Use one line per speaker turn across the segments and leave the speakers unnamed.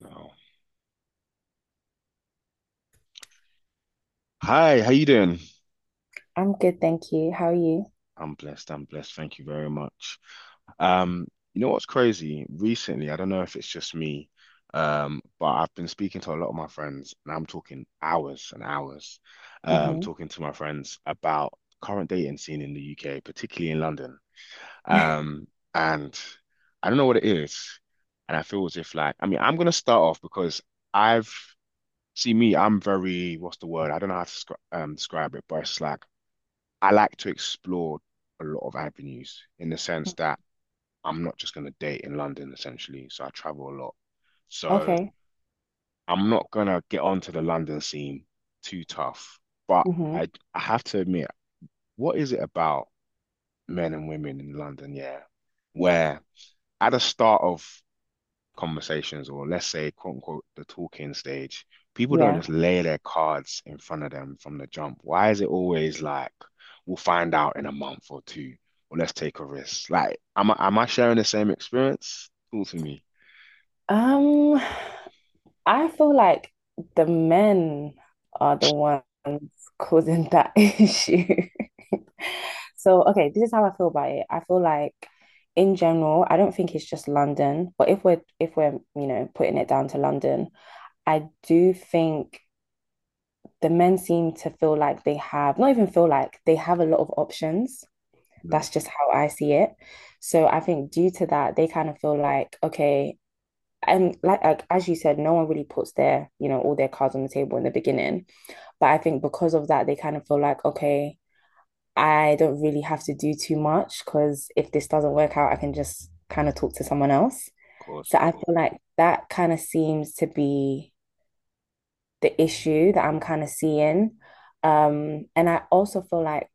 No. Hi, how you doing?
I'm good, thank you. How are you?
I'm blessed. I'm blessed. Thank you very much. Um, you know what's crazy? Recently, I don't know if it's just me, but I've been speaking to a lot of my friends, and I'm talking hours and hours,
Hmm.
talking to my friends about current dating scene in the UK, particularly in London. Um, and I don't know what it is, and I feel as if like, I mean, I'm gonna start off because I've see me, I'm very, what's the word? I don't know how to describe it, but it's like I like to explore a lot of avenues in the sense that I'm not just going to date in London essentially. So I travel a lot. So
Okay.
I'm not going to get onto the London scene too tough. But
Hmm.
I, I have to admit, what is it about men and women in London? Yeah. Where at the start of conversations or let's say quote unquote the talking stage, people don't
Yeah.
just lay their cards in front of them from the jump. Why is it always like we'll find out in a month or two, or let's take a risk? Like, am I sharing the same experience? Cool to me.
Um, I feel like the men are the ones causing that issue. So, okay, this is how I feel about it. I feel like in general, I don't think it's just London, but if we're, you know, putting it down to London, I do think the men seem to feel like they have, not even feel like they have a lot of options.
Mm, of
That's just how I see it. So I think due to that, they kind of feel like, okay, and like as you said, no one really puts their, you know, all their cards on the table in the beginning. But I think because of that, they kind of feel like, okay, I don't really have to do too much because if this doesn't work out, I can just kind of talk to someone else. So
course.
I feel like that kind of seems to be the issue that I'm kind of seeing. And I also feel like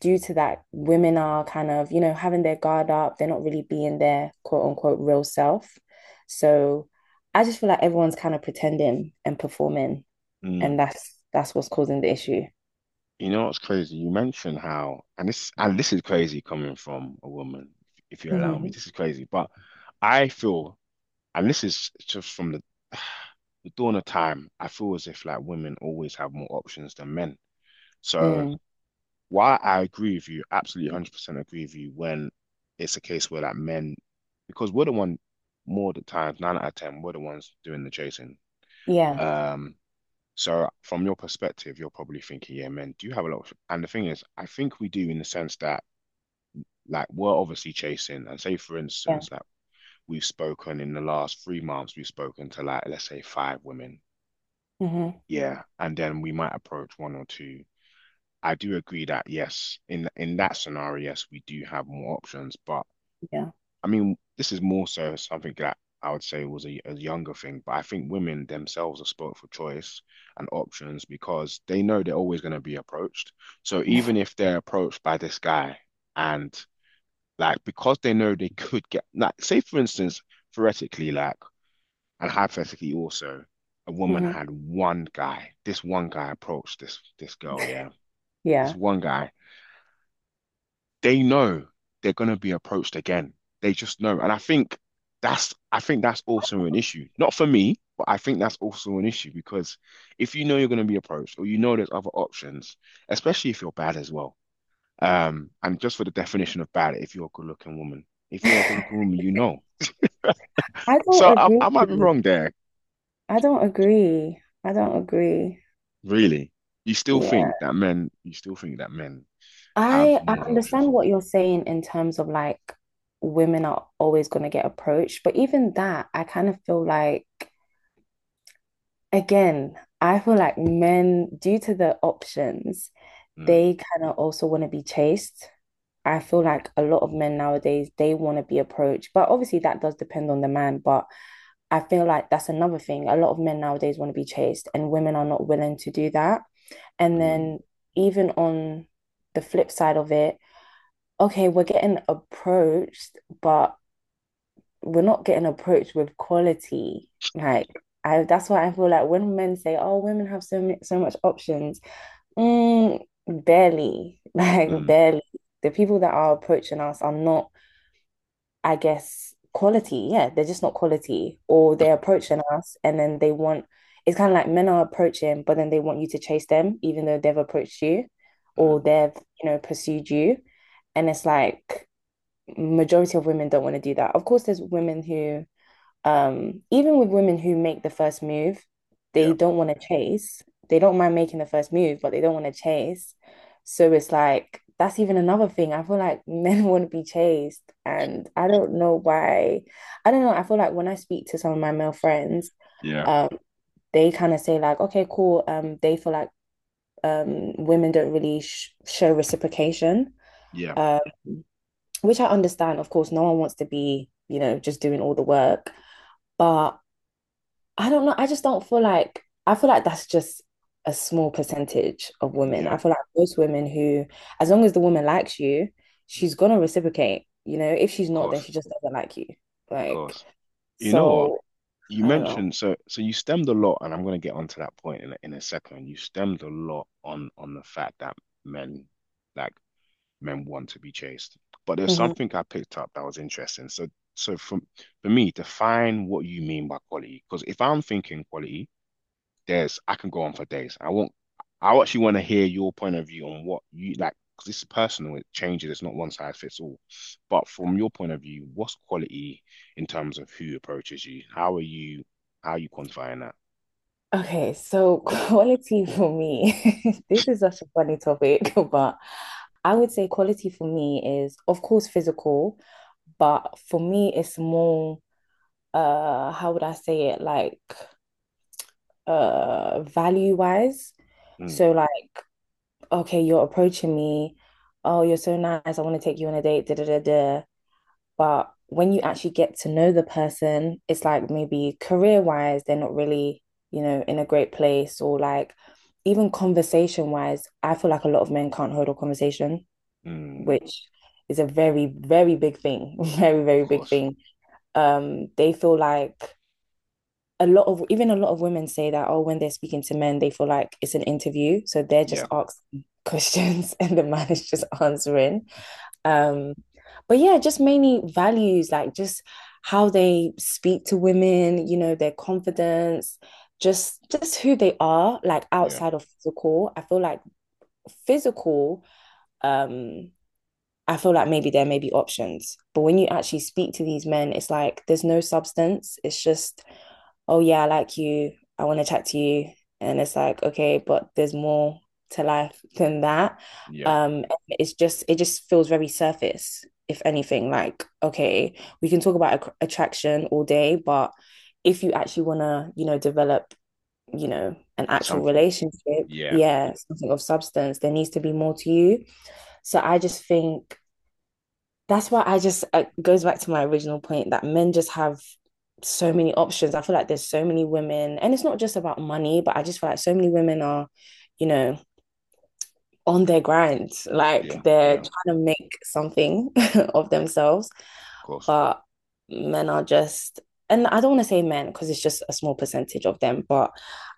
due to that, women are kind of, you know, having their guard up. They're not really being their quote unquote real self. So I just feel like everyone's kind of pretending and performing,
Mm.
and that's what's causing the issue.
You know what's crazy? You mentioned how, and this is crazy coming from a woman, if you allow me.
Mm-hmm.
This is crazy, but I feel, and this is just from the dawn of time, I feel as if like women always have more options than men. So
Mm.
while I agree with you, absolutely 100% agree with you when it's a case where like men, because we're the one more the times, nine out of 10, we're the ones doing the chasing.
Yeah,
Um, so from your perspective, you're probably thinking, yeah, men do have a lot of, and the thing is, I think we do in the sense that like we're obviously chasing, and say for
yeah,
instance, like we've spoken in the last 3 months, we've spoken to like let's say five women,
hmm,
yeah, and then we might approach one or two. I do agree that yes, in that scenario, yes, we do have more options. But
yeah,
I mean, this is more so something that I would say was a younger thing. But I think women themselves are spoilt for choice and options because they know they're always going to be approached. So even if they're approached by this guy and like because they know they could get like say for instance, theoretically, like and hypothetically, also, a woman
hmm,
had one guy. This one guy approached this girl. Yeah, this
yeah.
one guy. They know they're gonna be approached again. They just know. And I think that's also an issue. Not for me, but I think that's also an issue because if you know you're gonna be approached or you know there's other options, especially if you're bad as well. And just for the definition of bad, if you're a good-looking woman, if you're a good-looking woman.
I don't
So I might be
agree.
wrong there.
I don't agree. I don't agree.
Really? You still
Yeah.
think that men, you still think that men have
I
more of an options?
understand what you're saying in terms of like women are always going to get approached, but even that, I kind of feel like again, I feel like men, due to the options,
Mm,
they kind of also want to be chased. I feel like a lot of men nowadays, they want to be approached, but obviously that does depend on the man. But I feel like that's another thing. A lot of men nowadays want to be chased, and women are not willing to do that. And
mm,
then even on the flip side of it, okay, we're getting approached, but we're not getting approached with quality. Like I, that's why I feel like when men say, "Oh, women have so many, so much options," mm, barely, like
mm,
barely. The people that are approaching us are not, I guess, quality. Yeah, they're just not quality, or they're approaching us and then they want. It's kind of like men are approaching, but then they want you to chase them, even though they've approached you, or
mm.
they've, you know, pursued you, and it's like majority of women don't want to do that. Of course, there's women who, even with women who make the first move, they
Yeah,
don't want to chase. They don't mind making the first move, but they don't want to chase. So it's like that's even another thing. I feel like men want to be chased, and I don't know why. I don't know. I feel like when I speak to some of my male friends,
yeah,
um, they kind of say like, "Okay, cool." They feel like women don't really sh show reciprocation.
yeah,
Um, which I understand, of course, no one wants to be, you know, just doing all the work. But I don't know. I just don't feel like, I feel like that's just a small percentage of women. I
yeah.
feel like most women who, as long as the woman likes you, she's gonna reciprocate. You know, if she's
Of
not, then
course,
she just doesn't like you.
of
Like,
course. You know what?
so
You
I don't know.
mentioned so you stemmed a lot, and I'm going to get onto that point in a second. You stemmed a lot on the fact that men like want to be chased, but there's
Mm-hmm.
something I picked up that was interesting. So so from for me, define what you mean by quality, because if I'm thinking quality. There's I can go on for days. I won't. I actually want to hear your point of view on what you like because this is personal. It changes. It's not one size fits all. But from your point of view, what's quality in terms of who approaches you? How are you quantifying that?
Okay, so quality for me, this is such a funny topic, but I would say quality for me is, of course, physical, but for me, it's more, how would I say it, like, value-wise.
Mm,
So, like, okay, you're approaching me. Oh, you're so nice. I want to take you on a date. Da, da, da, da. But when you actually get to know the person, it's like maybe career wise, they're not really, you know, in a great place or like even conversation wise, I feel like a lot of men can't hold a conversation,
mm, of
which is a very, very big thing. Very, very big
course.
thing. They feel like a lot of even a lot of women say that, oh, when they're speaking to men, they feel like it's an interview. So they're just
Yeah.
asking questions and the man is just answering. Um, but yeah, just mainly values, like just how they speak to women, you know, their confidence, just who they are, like
Yeah.
outside of physical. I feel like physical, um, I feel like maybe there may be options. But when you actually speak to these men, it's like there's no substance. It's just oh yeah, I like you, I want to chat to you. And it's like, okay, but there's more to life than that.
Yeah,
It's just it just feels very surface, if anything. Like, okay, we can talk about ac attraction all day, but if you actually want to, you know, develop, you know, an actual
something.
relationship,
Yeah,
yeah, something of substance, there needs to be more to you. So I just think that's why I just it goes back to my original point that men just have so many options. I feel like there's so many women, and it's not just about money, but I just feel like so many women are, you know, on their grind, like
yeah,
they're
yeah, of
trying to make something of themselves
course.
but men are just, and I don't want to say men because it's just a small percentage of them, but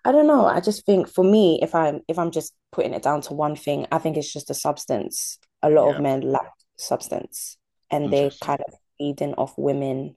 I don't know. I just think for me, if I'm just putting it down to one thing, I think it's just a substance. A lot of
Yeah,
men lack substance, and they
interesting.
kind of feeding off women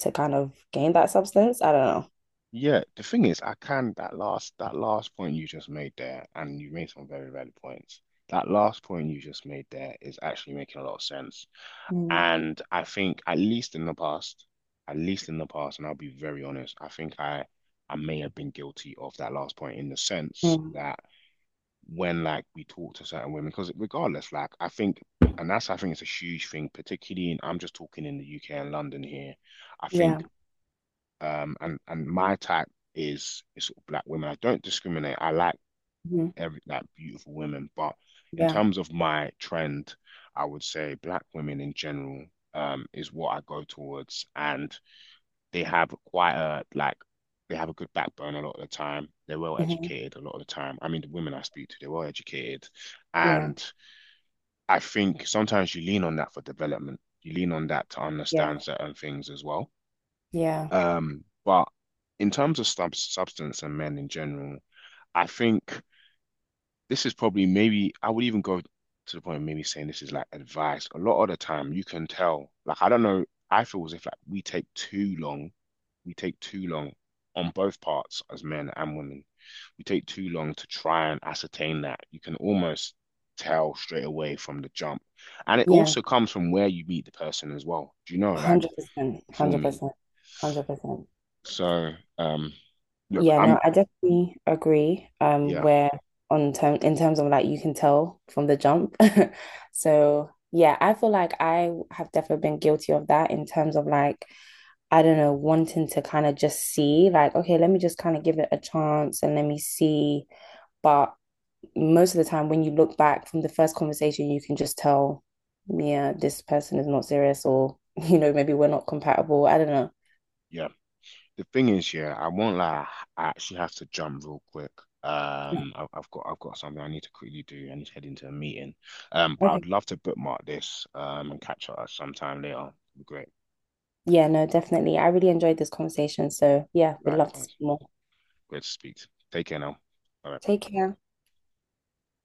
to kind of gain that substance. I don't
Yeah, the thing is, I can that last point you just made there, and you made some very valid points. That last point you just made there is actually making a lot of sense.
know.
And I think at least in the past, and I'll be very honest, I think I may have been guilty of that last point in the sense
Mm-hmm.
that when like we talk to certain women because regardless like I think it's a huge thing particularly in I'm just talking in the UK and London here I
Yeah.
think and my type is sort of black women I don't discriminate I like
Mm-hmm.
every like beautiful women but in
Yeah.
terms of my trend I would say black women in general is what I go towards, and they have a good backbone a lot of the time. They're well
Mm-hmm.
educated a lot of the time. I mean, the women I speak to, they're well educated,
Yeah.
and I think sometimes you lean on that for development. You lean on that to
Yeah.
understand certain things as well.
Yeah.
But in terms of substance and men in general, I think this is probably maybe I would even go to the point of maybe saying this is like advice. A lot of the time you can tell, like I don't know, I feel as if like we take too long on both parts as men and women. We take too long to try and ascertain that. You can almost tell straight away from the jump. And it
Yeah.
also comes from where you meet the person as well. Do you know, like
100%.
you feel me?
100%. 100%.
So um look,
Yeah,
I'm
no, I definitely agree.
yeah,
Where on term in terms of like you can tell from the jump. So yeah, I feel like I have definitely been guilty of that in terms of like, I don't know, wanting to kind of just see, like, okay, let me just kind of give it a chance and let me see. But most of the time when you look back from the first conversation, you can just tell, yeah, this person is not serious or, you know, maybe we're not compatible. I don't know.
yeah. The thing is, yeah, I won't lie. I actually have to jump real quick.
Yeah.
I've got something I need to quickly do. I need to head into a meeting. But I'd
Okay.
love to bookmark this. And catch up sometime later. Great.
Yeah, no, definitely. I really enjoyed this conversation. So, yeah, we'd love to see
Likewise.
more.
Great to speak. Take care now. All right.
Take care.